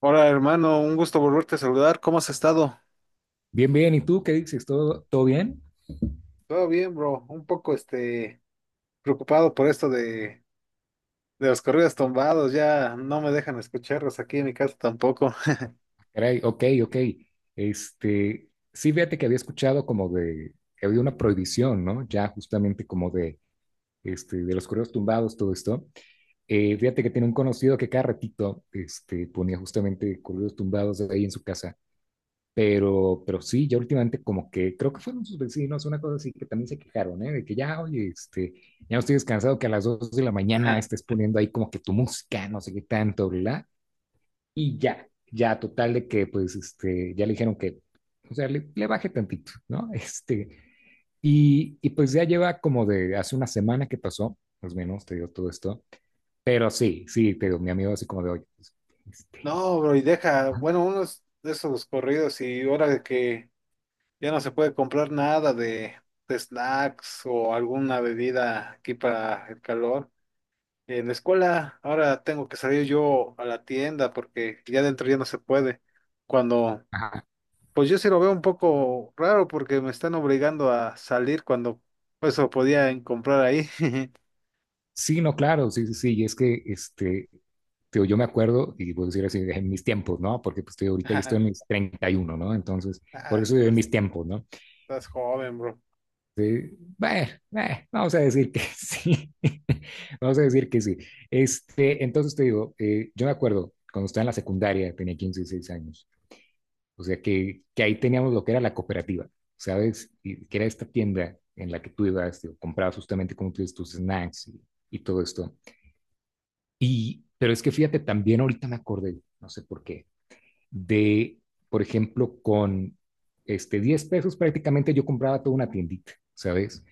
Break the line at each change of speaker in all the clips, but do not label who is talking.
Hola hermano, un gusto volverte a saludar. ¿Cómo has estado?
Bien, bien. ¿Y tú qué dices? ¿Todo, todo bien?
Todo bien, bro. Un poco preocupado por esto de los corridos tumbados. Ya no me dejan escucharlos aquí en mi casa tampoco.
Caray, ok, ok. Sí, fíjate que había escuchado como de que había una prohibición, ¿no? Ya justamente como de los correos tumbados, todo esto. Fíjate que tiene un conocido que cada ratito, ponía justamente correos tumbados ahí en su casa. Pero sí, ya últimamente como que creo que fueron sus vecinos, una cosa así que también se quejaron, ¿eh? De que ya, oye, ya no estoy descansado que a las 2 de la mañana
Bien.
estés poniendo ahí como que tu música, no sé qué tanto, bla. Y ya, ya, total de que, pues, ya le dijeron que, o sea, le baje tantito, ¿no? Y pues ya lleva como de hace una semana que pasó, más o menos, te digo todo esto. Pero sí, sí, te digo, mi amigo así como de, oye, pues, este,
No, bro, y deja,
ajá,
bueno, unos de esos corridos y ahora de que ya no se puede comprar nada de snacks o alguna bebida aquí para el calor. En la escuela ahora tengo que salir yo a la tienda porque ya dentro ya no se puede. Cuando
ajá.
Pues yo sí lo veo un poco raro porque me están obligando a salir cuando eso podía comprar ahí.
Sí, no, claro, sí, sí, sí, y es que, te digo, yo me acuerdo, y puedo decir así, en mis tiempos, ¿no? Porque pues te digo, ahorita yo estoy en mis 31, ¿no? Entonces,
Ah,
por eso digo, en
estás,
mis tiempos, ¿no?
estás joven, bro.
Sí, bueno, bueno, vamos a decir que sí. Vamos a decir que sí. Entonces te digo, yo me acuerdo cuando estaba en la secundaria, tenía 15, 16 años. O sea que, ahí teníamos lo que era la cooperativa, ¿sabes? Y que era esta tienda en la que tú ibas, digo, comprabas justamente como tú dices, tus snacks y todo esto. Y, pero es que fíjate, también ahorita me acordé, no sé por qué, de, por ejemplo, con 10 pesos prácticamente yo compraba toda una tiendita, ¿sabes?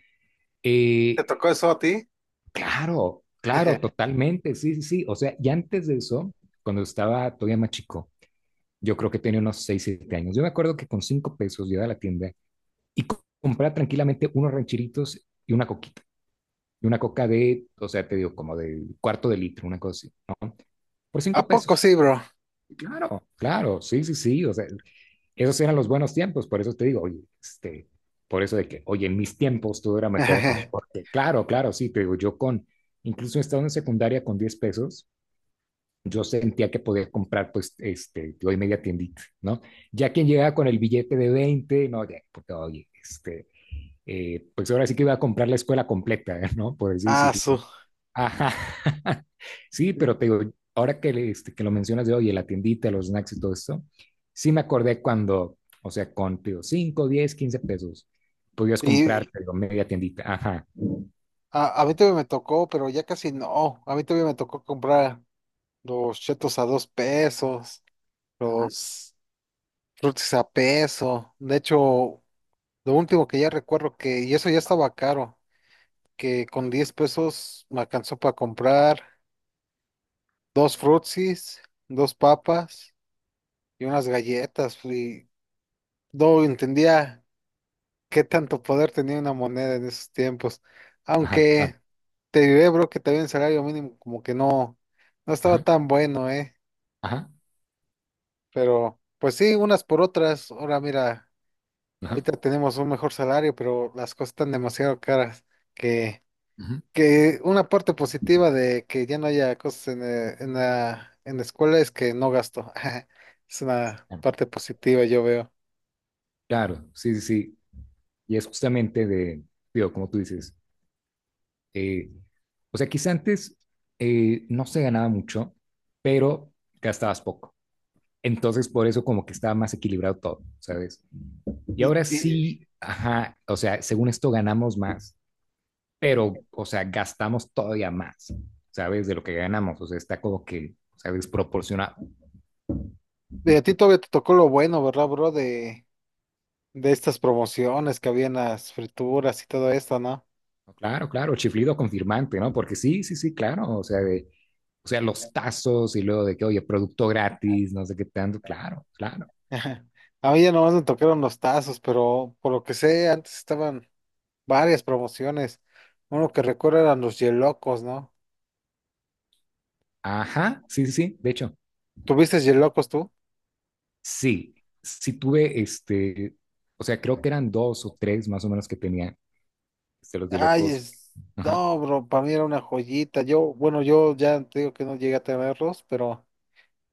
¿Te
Eh,
tocó eso a ti?
Claro, claro, totalmente, sí, sí, sí. O sea, y antes de eso, cuando estaba todavía más chico, yo creo que tenía unos 6, 7 años. Yo me acuerdo que con 5 pesos yo iba a la tienda y compraba tranquilamente unos rancheritos y una coquita. Y una coca de, o sea, te digo, como de cuarto de litro, una cosa así, ¿no? Por
¿A
5
poco
pesos.
sí, bro?
Claro, claro, sí, sí, sí. O sea, esos eran los buenos tiempos, por eso te digo, oye, por eso de que, oye, en mis tiempos todo era mejor, ¿no? Porque claro, claro, sí, te digo, yo con, incluso estando en secundaria con 10 pesos, yo sentía que podía comprar, pues, doy media tiendita, ¿no? Ya quien llegaba con el billete de 20, no, ya, porque, oye, pues ahora sí que iba a comprar la escuela completa, ¿eh? ¿No? Por así
Ah,
decirlo.
su.
Ajá. Sí,
Sí.
pero te digo, ahora que, que lo mencionas de hoy, la tiendita, los snacks y todo esto, sí me acordé cuando, o sea, con, te digo, 5, 10, 15 pesos, podías comprar,
Y
te digo, media tiendita. Ajá,
a, a mí todavía me tocó, pero ya casi no. A mí todavía me tocó comprar los chetos a 2 pesos, los frutis a peso. De hecho, lo último que ya recuerdo que, y eso ya estaba caro, que con 10 pesos me alcanzó para comprar dos frutsis, dos papas y unas galletas. Y no entendía qué tanto poder tenía una moneda en esos tiempos.
ajá, claro.
Aunque te diré, bro, que también el salario mínimo como que no estaba
Ajá,
tan bueno, ¿eh?
ajá,
Pero pues sí, unas por otras. Ahora mira,
ajá.
ahorita tenemos un mejor salario, pero las cosas están demasiado caras que...
Ujú.
Que una parte positiva de que ya no haya cosas en la escuela es que no gasto. Es una
Claro,
parte positiva, yo veo.
claro, sí, sí, sí. Y es justamente de, digo, como tú dices, eh, o sea, quizá antes no se ganaba mucho, pero gastabas poco. Entonces, por eso como que estaba más equilibrado todo, ¿sabes? Y
Y,
ahora
y-
sí, ajá, o sea, según esto ganamos más, pero, o sea, gastamos todavía más, ¿sabes? De lo que ganamos, o sea, está como que, o sea, desproporcionado.
y a ti todavía te tocó lo bueno, ¿verdad, bro? De estas promociones que había en las frituras y todo esto, ¿no?
Claro, claro, chiflido confirmante, ¿no? Porque sí, sí, sí, claro, o sea, de, o sea, los tazos y luego de que, oye, producto gratis, no sé qué tanto, claro, claro.
A mí ya nomás me tocaron los tazos, pero por lo que sé, antes estaban varias promociones. Uno que recuerdo eran los yelocos, ¿no?
Ajá, sí, sí, sí, de hecho,
¿Tuviste yelocos tú?
sí, sí tuve o sea, creo que eran dos o tres más o menos que tenía, los de
Ay,
locos. Ajá,
no, bro, para mí era una joyita. Yo, bueno, yo ya te digo que no llegué a tenerlos, pero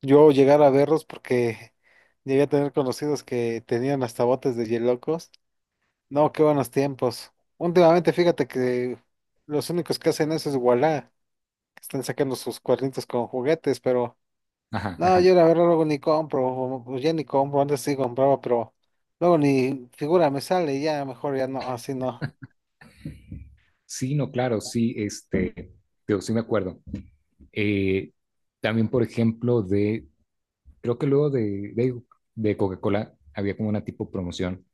yo llegar a verlos porque llegué a tener conocidos que tenían hasta botes de hielocos. No, qué buenos tiempos. Últimamente, fíjate que los únicos que hacen eso es Ualá, que están sacando sus cuernitos con juguetes, pero
ajá,
no,
ajá.
yo la verdad luego ni compro, o ya ni compro, antes sí compraba, pero luego ni figura me sale, ya mejor ya no, así no.
Sí, no, claro, sí, digo, sí me acuerdo. Eh, También, por ejemplo, de, creo que luego de Coca-Cola había como una tipo promoción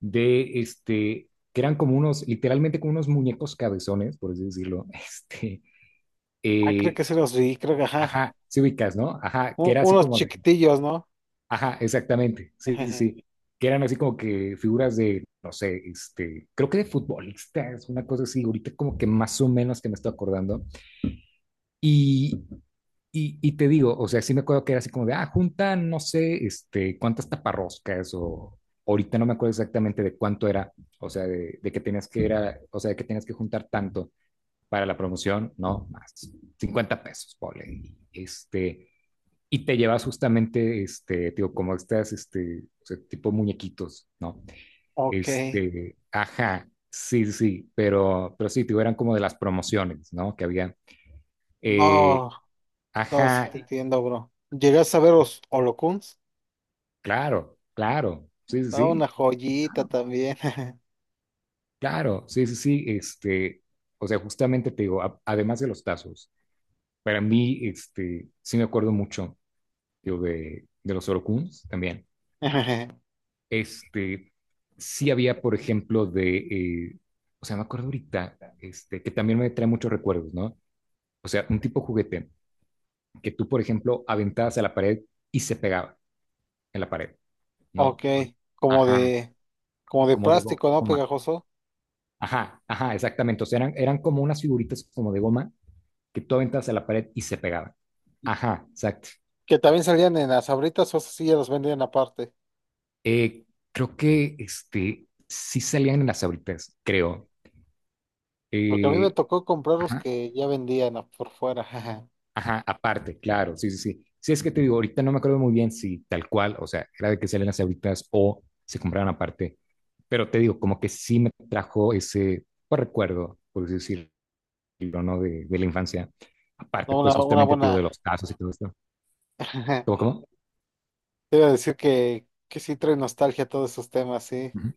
de, que eran como unos, literalmente como unos muñecos cabezones, por así decirlo,
Ah, creo
eh,
que sí los vi, creo que ajá.
ajá, sí ubicas, ¿no? Ajá, que era así
Unos
como de,
chiquitillos, ¿no?
ajá, exactamente, sí, sí, sí, que eran así como que figuras de, no sé, creo que de futbolistas, una cosa así, ahorita como que más o menos que me estoy acordando, y y te digo, o sea, sí me acuerdo que era así como de, ah, juntan, no sé, cuántas taparroscas o ahorita no me acuerdo exactamente de cuánto era, o sea, de que tenías que era, o sea, de que tenías que juntar tanto para la promoción, no, más 50 pesos, pobre, y y te llevas justamente, digo, como estas, o sea, tipo muñequitos, ¿no?
Ok.
Ajá, sí, sí, sí, pero sí, digo, eran como de las promociones, ¿no? Que había, eh,
No, no, sí
ajá,
te entiendo, bro. ¿Llegas a ver los Holocuns?
claro, claro, sí, sí,
No, una
sí,
joyita también.
claro, sí, sí, sí, o sea, justamente te digo, además de los tazos, para mí, sí me acuerdo mucho, digo, de los orokuns también, este, sí había, por ejemplo, de, o sea, me acuerdo ahorita, que también me trae muchos recuerdos, ¿no? O sea, un tipo juguete que tú, por ejemplo, aventabas a la pared y se pegaba en la pared,
Ok,
¿no?
como
Ajá,
de, como de
como de
plástico, ¿no?
goma.
Pegajoso.
Ajá, ajá, exactamente. O sea, eran como unas figuritas como de goma que tú aventabas a la pared y se pegaban. Ajá, exacto.
Que también salían en las abritas o esos sí ya los vendían aparte.
Eh, Creo que sí salían en las ahoritas, creo.
Porque a mí me
Eh,
tocó comprar los
ajá,
que ya vendían por fuera.
ajá, aparte, claro, sí, sí, sí. Sí, es que te digo, ahorita no me acuerdo muy bien si tal cual, o sea, era de que salían las ahoritas o se compraban aparte. Pero te digo, como que sí me trajo ese pues, recuerdo, por así decirlo, ¿no? De la infancia. Aparte,
No, una,
pues
una
justamente, te
buena.
digo de los casos y todo esto. ¿Cómo, cómo?
Te iba a decir que sí trae nostalgia todos esos temas, sí.
Ujú.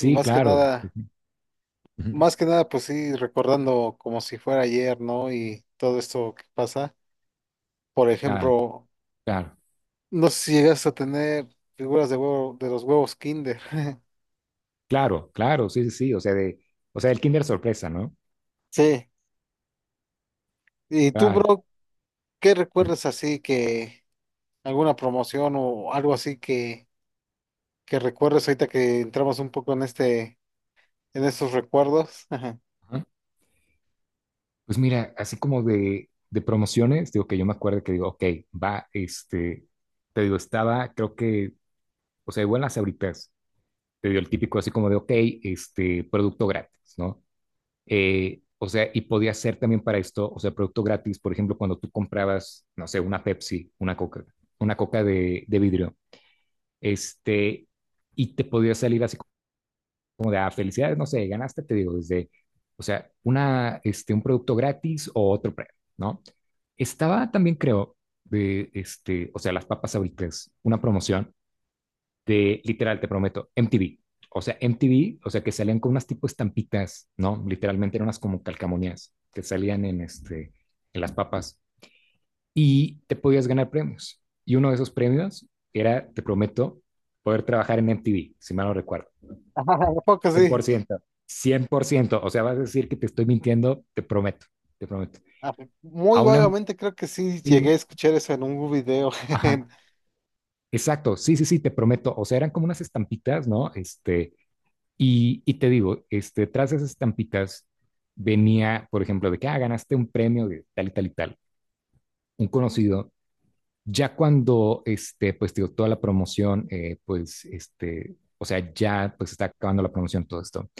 Y más que
claro. Sí,
nada.
sí. Ujú.
Más que nada, pues sí, recordando como si fuera ayer, ¿no? Y todo esto que pasa. Por
Claro,
ejemplo,
claro,
no sé si llegas a tener figuras de huevo, de los huevos Kinder.
claro, claro, sí, sí, sí, o sea, de, o sea, el Kinder sorpresa, ¿no?
Sí. ¿Y tú,
Claro.
bro, qué
Ujú.
recuerdas así que alguna promoción o algo así que recuerdes ahorita que entramos un poco en este, en estos recuerdos? Ajá.
Ajá. Pues mira, así como de promociones, digo que yo me acuerdo que digo, ok, va, te digo, estaba, creo que, o sea, igual las Sabritas, te digo, el típico así como de, ok, producto gratis, ¿no? O sea, y podía ser también para esto, o sea, producto gratis, por ejemplo, cuando tú comprabas, no sé, una Pepsi, una Coca de vidrio, este, y te podría salir así como de, ah, felicidades, no sé, ganaste, te digo, desde, o sea, una, un producto gratis o otro premio, ¿no? Estaba también, creo, de, o sea, las papas ahoritas, una promoción de, literal, te prometo, MTV. O sea, MTV, o sea, que salían con unas tipo estampitas, ¿no? Literalmente eran unas como calcamonías que salían en las papas y te podías ganar premios. Y uno de esos premios era, te prometo, poder trabajar en MTV, si mal no recuerdo.
Un poco
Cien por
sí.
ciento, 100%. O sea, vas a decir que te estoy mintiendo, te prometo, te prometo.
Ah, muy
A un
vagamente creo que sí
amigo,
llegué a escuchar eso en un video.
ajá, exacto, sí, sí, sí, te prometo. O sea, eran como unas estampitas, ¿no? Y te digo, tras esas estampitas venía, por ejemplo, de que, ah, ganaste un premio de tal y tal y tal. Un conocido Ya cuando, pues, digo, toda la promoción, pues, o sea, ya, pues, está acabando la promoción, todo esto.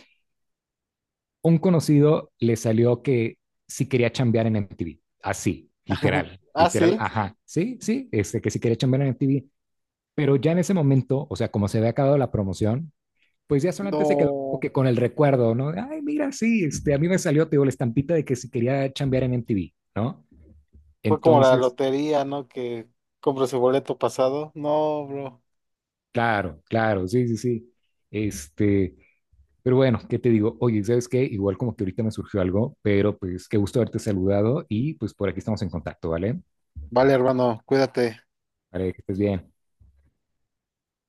Un conocido le salió que sí quería chambear en MTV, así,
Ajá.
literal,
Ah,
literal,
sí.
ajá, sí, sí, que sí quería chambear en MTV, pero ya en ese momento, o sea, como se había acabado la promoción, pues ya solamente se quedó como
No.
que con el recuerdo, ¿no? Ay, mira, sí, a mí me salió, te digo, la estampita de que si quería chambear en MTV, ¿no?
Fue como la
Entonces,
lotería, ¿no? Que compras el boleto pasado. No, bro.
claro, claro, sí, sí, sí. Este, Pero bueno, ¿qué te digo? Oye, ¿sabes qué? Igual como que ahorita me surgió algo, pero pues qué gusto haberte saludado y pues por aquí estamos en contacto, ¿vale?
Vale, hermano, cuídate.
Vale, que estés bien.